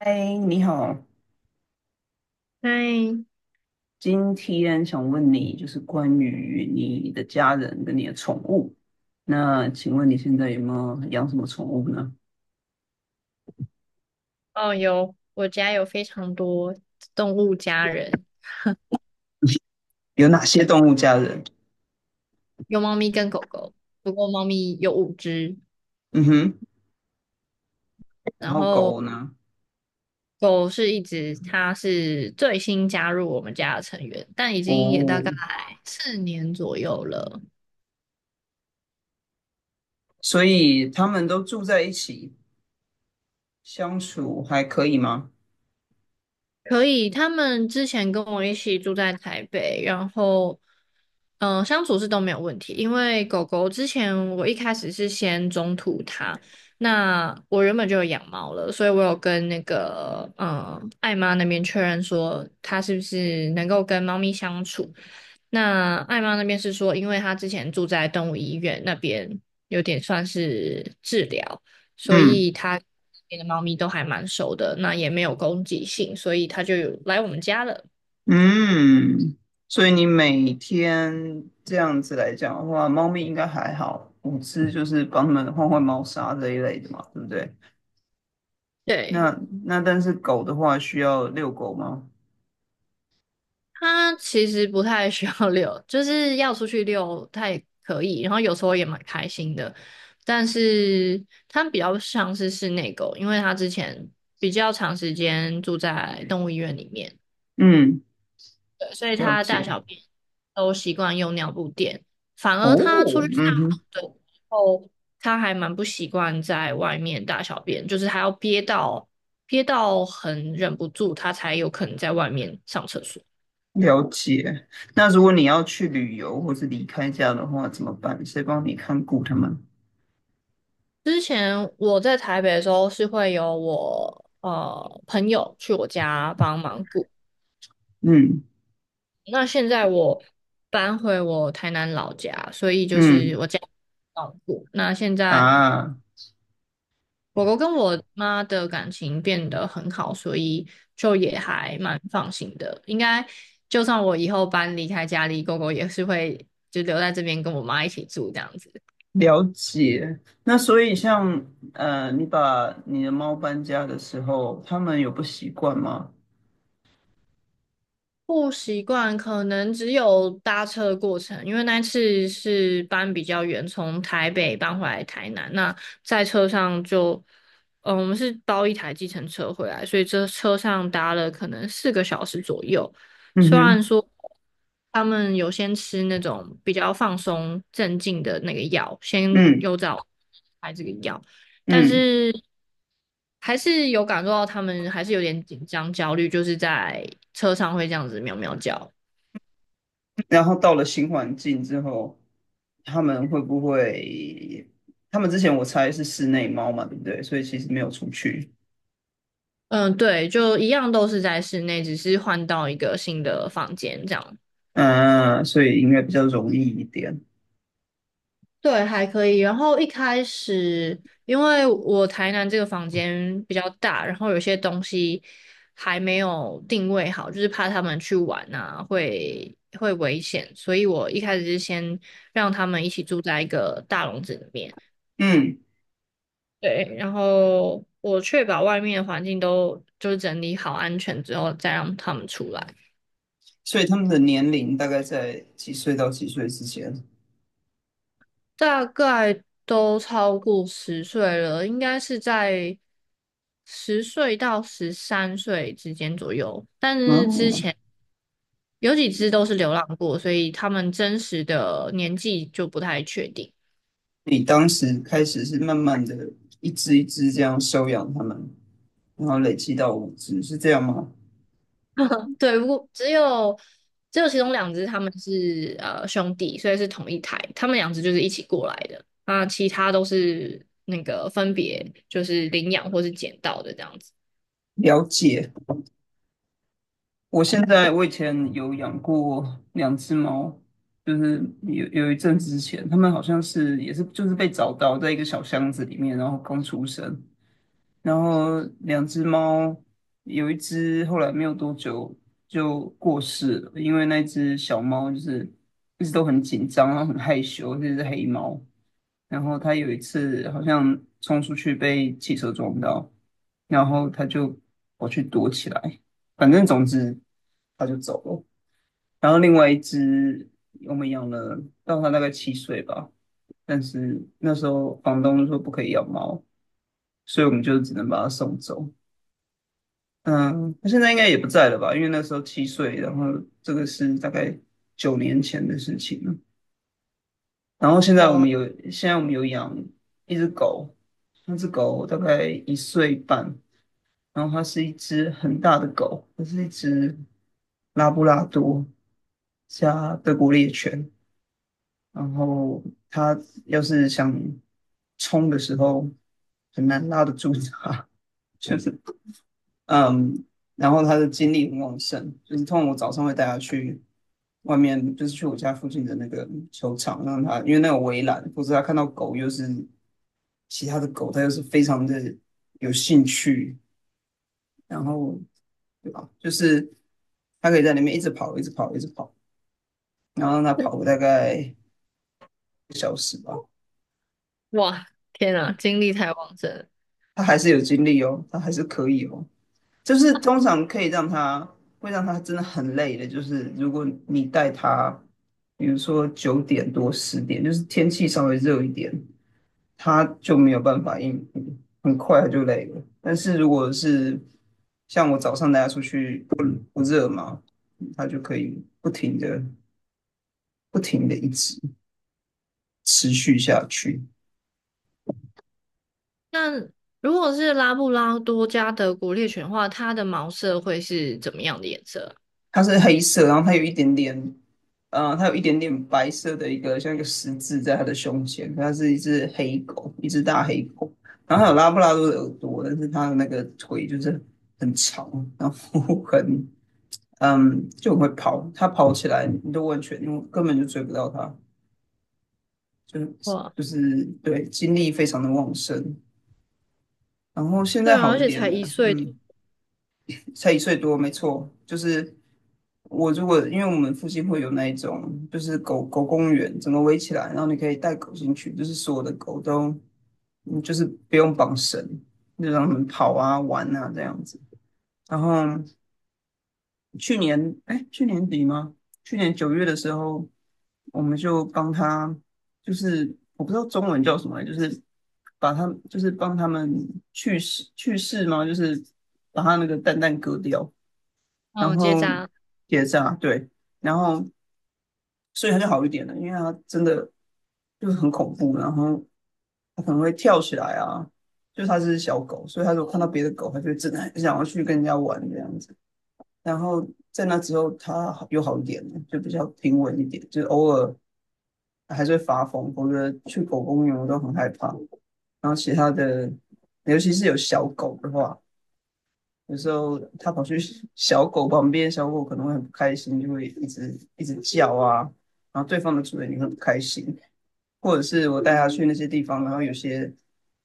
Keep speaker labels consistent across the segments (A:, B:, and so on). A: 嗨，你好，
B: 嗨，
A: 今天想问你，就是关于你的家人跟你的宠物。那请问你现在有没有养什么宠物呢？
B: 哦，有，我家有非常多动物家人，
A: 有哪些动物家人？
B: 有猫咪跟狗狗，不过猫咪有5只，
A: 嗯哼，然
B: 然
A: 后
B: 后
A: 狗呢？
B: 狗是1只，它是最新加入我们家的成员，但已经也大
A: 哦，
B: 概4年左右了。
A: 所以他们都住在一起，相处还可以吗？
B: 可以，他们之前跟我一起住在台北，然后，相处是都没有问题。因为狗狗之前我一开始是先中途它，那我原本就有养猫了，所以我有跟那个爱妈那边确认说它是不是能够跟猫咪相处。那艾妈那边是说，因为她之前住在动物医院那边，有点算是治疗，所
A: 嗯
B: 以她那边的猫咪都还蛮熟的，那也没有攻击性，所以她就有来我们家了。
A: 嗯，所以你每天这样子来讲的话，猫咪应该还好，五只就是帮它们换换猫砂这一类的嘛，对不对？
B: 对，
A: 那那但是狗的话需要遛狗吗？
B: 它其实不太需要遛，就是要出去遛，它也可以，然后有时候也蛮开心的。但是它比较像是室内狗，因为它之前比较长时间住在动物医院里面。
A: 嗯，
B: 对，所以
A: 了
B: 他大
A: 解。
B: 小便都习惯用尿布垫，反
A: 哦，
B: 而他出去大
A: 嗯
B: 号
A: 哼，
B: 的时候，他还蛮不习惯在外面大小便，就是他要憋到很忍不住，他才有可能在外面上厕所。
A: 了解。那如果你要去旅游或是离开家的话，怎么办？谁帮你看顾他们？
B: 之前我在台北的时候是会有我朋友去我家帮忙顾，
A: 嗯，
B: 那现在我搬回我台南老家，所以就是
A: 嗯
B: 我家照顾。那现在。
A: 啊，
B: 狗狗跟我妈的感情变得很好，所以就也还蛮放心的。应该就算我以后搬离开家里，狗狗也是会就留在这边跟我妈一起住这样子。
A: 了解。那所以像你把你的猫搬家的时候，他们有不习惯吗？
B: 不习惯，可能只有搭车的过程，因为那次是搬比较远，从台北搬回来台南。那在车上就，我们是包一台计程车回来，所以这车上搭了可能4个小时左右。
A: 嗯
B: 虽
A: 哼，
B: 然说他们有先吃那种比较放松镇静的那个药，先
A: 嗯
B: 有找开这个药，但
A: 嗯。
B: 是。还是有感受到他们还是有点紧张焦虑，就是在车上会这样子喵喵叫。
A: 然后到了新环境之后，他们会不会？他们之前我猜是室内猫嘛，对不对？所以其实没有出去，
B: 嗯，对，就一样都是在室内，只是换到一个新的房间这样。
A: 嗯、所以应该比较容易一点。
B: 对，还可以。然后一开始，因为我台南这个房间比较大，然后有些东西还没有定位好，就是怕他们去玩啊，会危险，所以我一开始是先让他们一起住在一个大笼子里面。
A: 嗯，
B: 对，然后我确保外面的环境都就是整理好安全之后，再让他们出来。
A: 所以他们的年龄大概在几岁到几岁之间？
B: 大概都超过十岁了，应该是在十岁到13岁之间左右。但
A: 然
B: 是之
A: 后
B: 前有几只都是流浪过，所以他们真实的年纪就不太确定。
A: 你当时开始是慢慢的一只一只这样收养他们，然后累积到五只，是这样吗？
B: 对，不过只有其中两只他们是兄弟，所以是同一台，他们两只就是一起过来的。那其他都是那个分别就是领养或是捡到的这样子。
A: 了解。我现在我以前有养过两只猫，就是有一阵子之前，它们好像是也是就是被找到在一个小箱子里面，然后刚出生，然后两只猫，有一只后来没有多久就过世了，因为那只小猫就是一直都很紧张，然后很害羞，这只黑猫。然后它有一次好像冲出去被汽车撞到，然后它就跑去躲起来，反正总之它就走了。然后另外一只我们养了到它大概七岁吧，但是那时候房东就说不可以养猫，所以我们就只能把它送走。嗯，他现在应该也不在了吧？因为那时候七岁，然后这个是大概9年前的事情了。然后现在我们
B: 哦，
A: 有，现在我们有养一只狗，那只狗大概1岁半，然后它是一只很大的狗，它是一只拉布拉多加德国猎犬。然后它要是想冲的时候，很难拉得住它，就是嗯，然后他的精力很旺盛，就是通常我早上会带他去外面，就是去我家附近的那个球场，让他因为那有围栏，否则他看到狗又是其他的狗，他又是非常的有兴趣，然后对吧？就是他可以在里面一直跑，一直跑，一直跑，然后让他跑个大概一个小时吧，
B: 哇，天啊，精力太旺盛了
A: 他还是有精力哦，他还是可以哦。就是通常可以让他会让他真的很累的，就是如果你带他，比如说9点多10点，就是天气稍微热一点，他就没有办法应付，很快他就累了。但是如果是像我早上带他出去不热嘛，他就可以不停的不停的一直持续下去。
B: 那如果是拉布拉多加德国猎犬的话，它的毛色会是怎么样的颜色
A: 它是黑色，然后它有一点点它有一点点白色的一个像一个十字在它的胸前，它是一只黑狗，一只大黑狗。然后它有拉布拉多的耳朵，但是它的那个腿就是很长，然后很就很会跑。它跑起来，你都完全你根本就追不到它，就
B: 啊？
A: 是
B: 哇，
A: 就是对精力非常的旺盛。然后现
B: 对
A: 在
B: 啊，
A: 好
B: 而
A: 一
B: 且
A: 点
B: 才一
A: 了，
B: 岁，
A: 嗯，才1岁多，没错，就是我如果因为我们附近会有那一种，就是狗狗公园，整个围起来，然后你可以带狗进去，就是所有的狗都，就是不用绑绳，就让它们跑啊、玩啊这样子。然后去年，哎，去年底吗？去年9月的时候，我们就帮他，就是我不知道中文叫什么，就是把它，就是帮他们去世去世吗？就是把它那个蛋蛋割掉。然
B: 嗯，结
A: 后
B: 扎。
A: 结扎，对，然后所以他就好一点了，因为他真的就是很恐怖，然后他可能会跳起来啊，就它是小狗，所以它如果看到别的狗，它就会真的很想要去跟人家玩这样子。然后在那之后，它好又好一点了，就比较平稳一点，就是偶尔还是会发疯，否则去狗公园我都很害怕。然后其他的，尤其是有小狗的话，有时候它跑去小狗旁边，小狗可能会很不开心，就会一直一直叫啊，然后对方的主人也会不开心，或者是我带它去那些地方，然后有些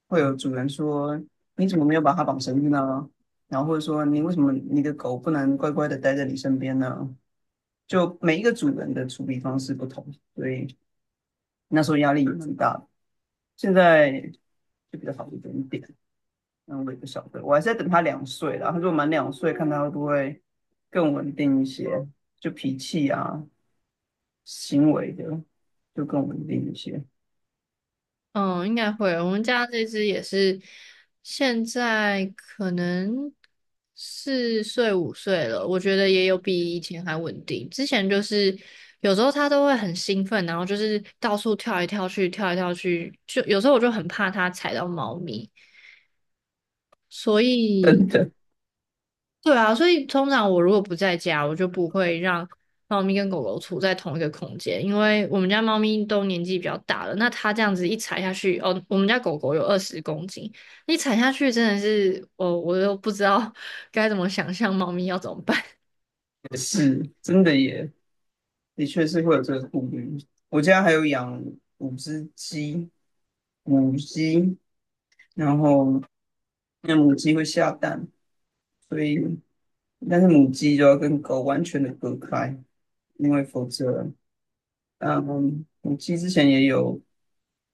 A: 会有主人说你怎么没有把它绑绳子呢？然后或者说你为什么你的狗不能乖乖的待在你身边呢？就每一个主人的处理方式不同，所以那时候压力也蛮大的，现在就比较好一点点。那我也不晓得，我还是在等他两岁啦。他说果满两岁，看他会不会更稳定一些，就脾气啊、行为的就更稳定一些。
B: 嗯，应该会。我们家这只也是，现在可能4岁5岁了，我觉得也有比以前还稳定。之前就是有时候它都会很兴奋，然后就是到处跳来跳去，跳来跳去，就有时候我就很怕它踩到猫咪，所
A: 真
B: 以
A: 的
B: 对啊，所以通常我如果不在家，我就不会让猫咪跟狗狗处在同一个空间，因为我们家猫咪都年纪比较大了，那它这样子一踩下去，哦，我们家狗狗有20公斤，一踩下去真的是，哦，我都不知道 该怎么想象猫咪要怎么办。
A: 也是，真的也的确是会有这个顾虑。我家还有养5只鸡，母鸡，然后那母鸡会下蛋，所以但是母鸡就要跟狗完全的隔开，因为否则嗯，母鸡之前也有，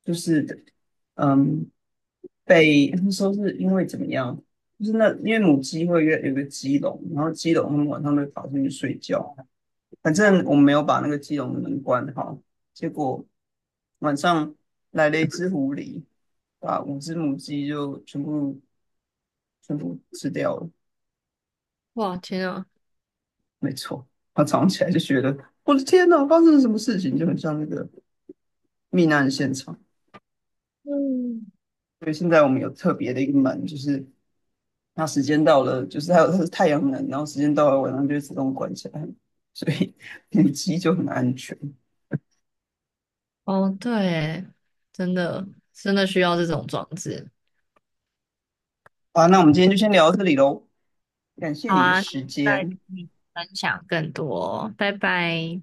A: 就是嗯，被他们说是因为怎么样，就是那因为母鸡会约有个鸡笼，然后鸡笼他们晚上会跑进去睡觉，反正我们没有把那个鸡笼的门关好，结果晚上来了一只狐狸，把5只母鸡就全部全部吃掉了，
B: 哇，天啊！
A: 没错，他早上起来就觉得我的天哪，发生了什么事情，就很像那个命案现场。
B: 嗯，
A: 所以现在我们有特别的一个门，就是它时间到了，就是还有它是太阳能，然后时间到了晚上就会自动关起来，所以 母鸡就很安全。
B: 哦，对耶，真的真的需要这种装置。
A: 好，那我们今天就先聊到这里喽，感谢
B: 好
A: 你的
B: 啊，下次
A: 时
B: 再跟
A: 间。
B: 你分享更多，拜拜。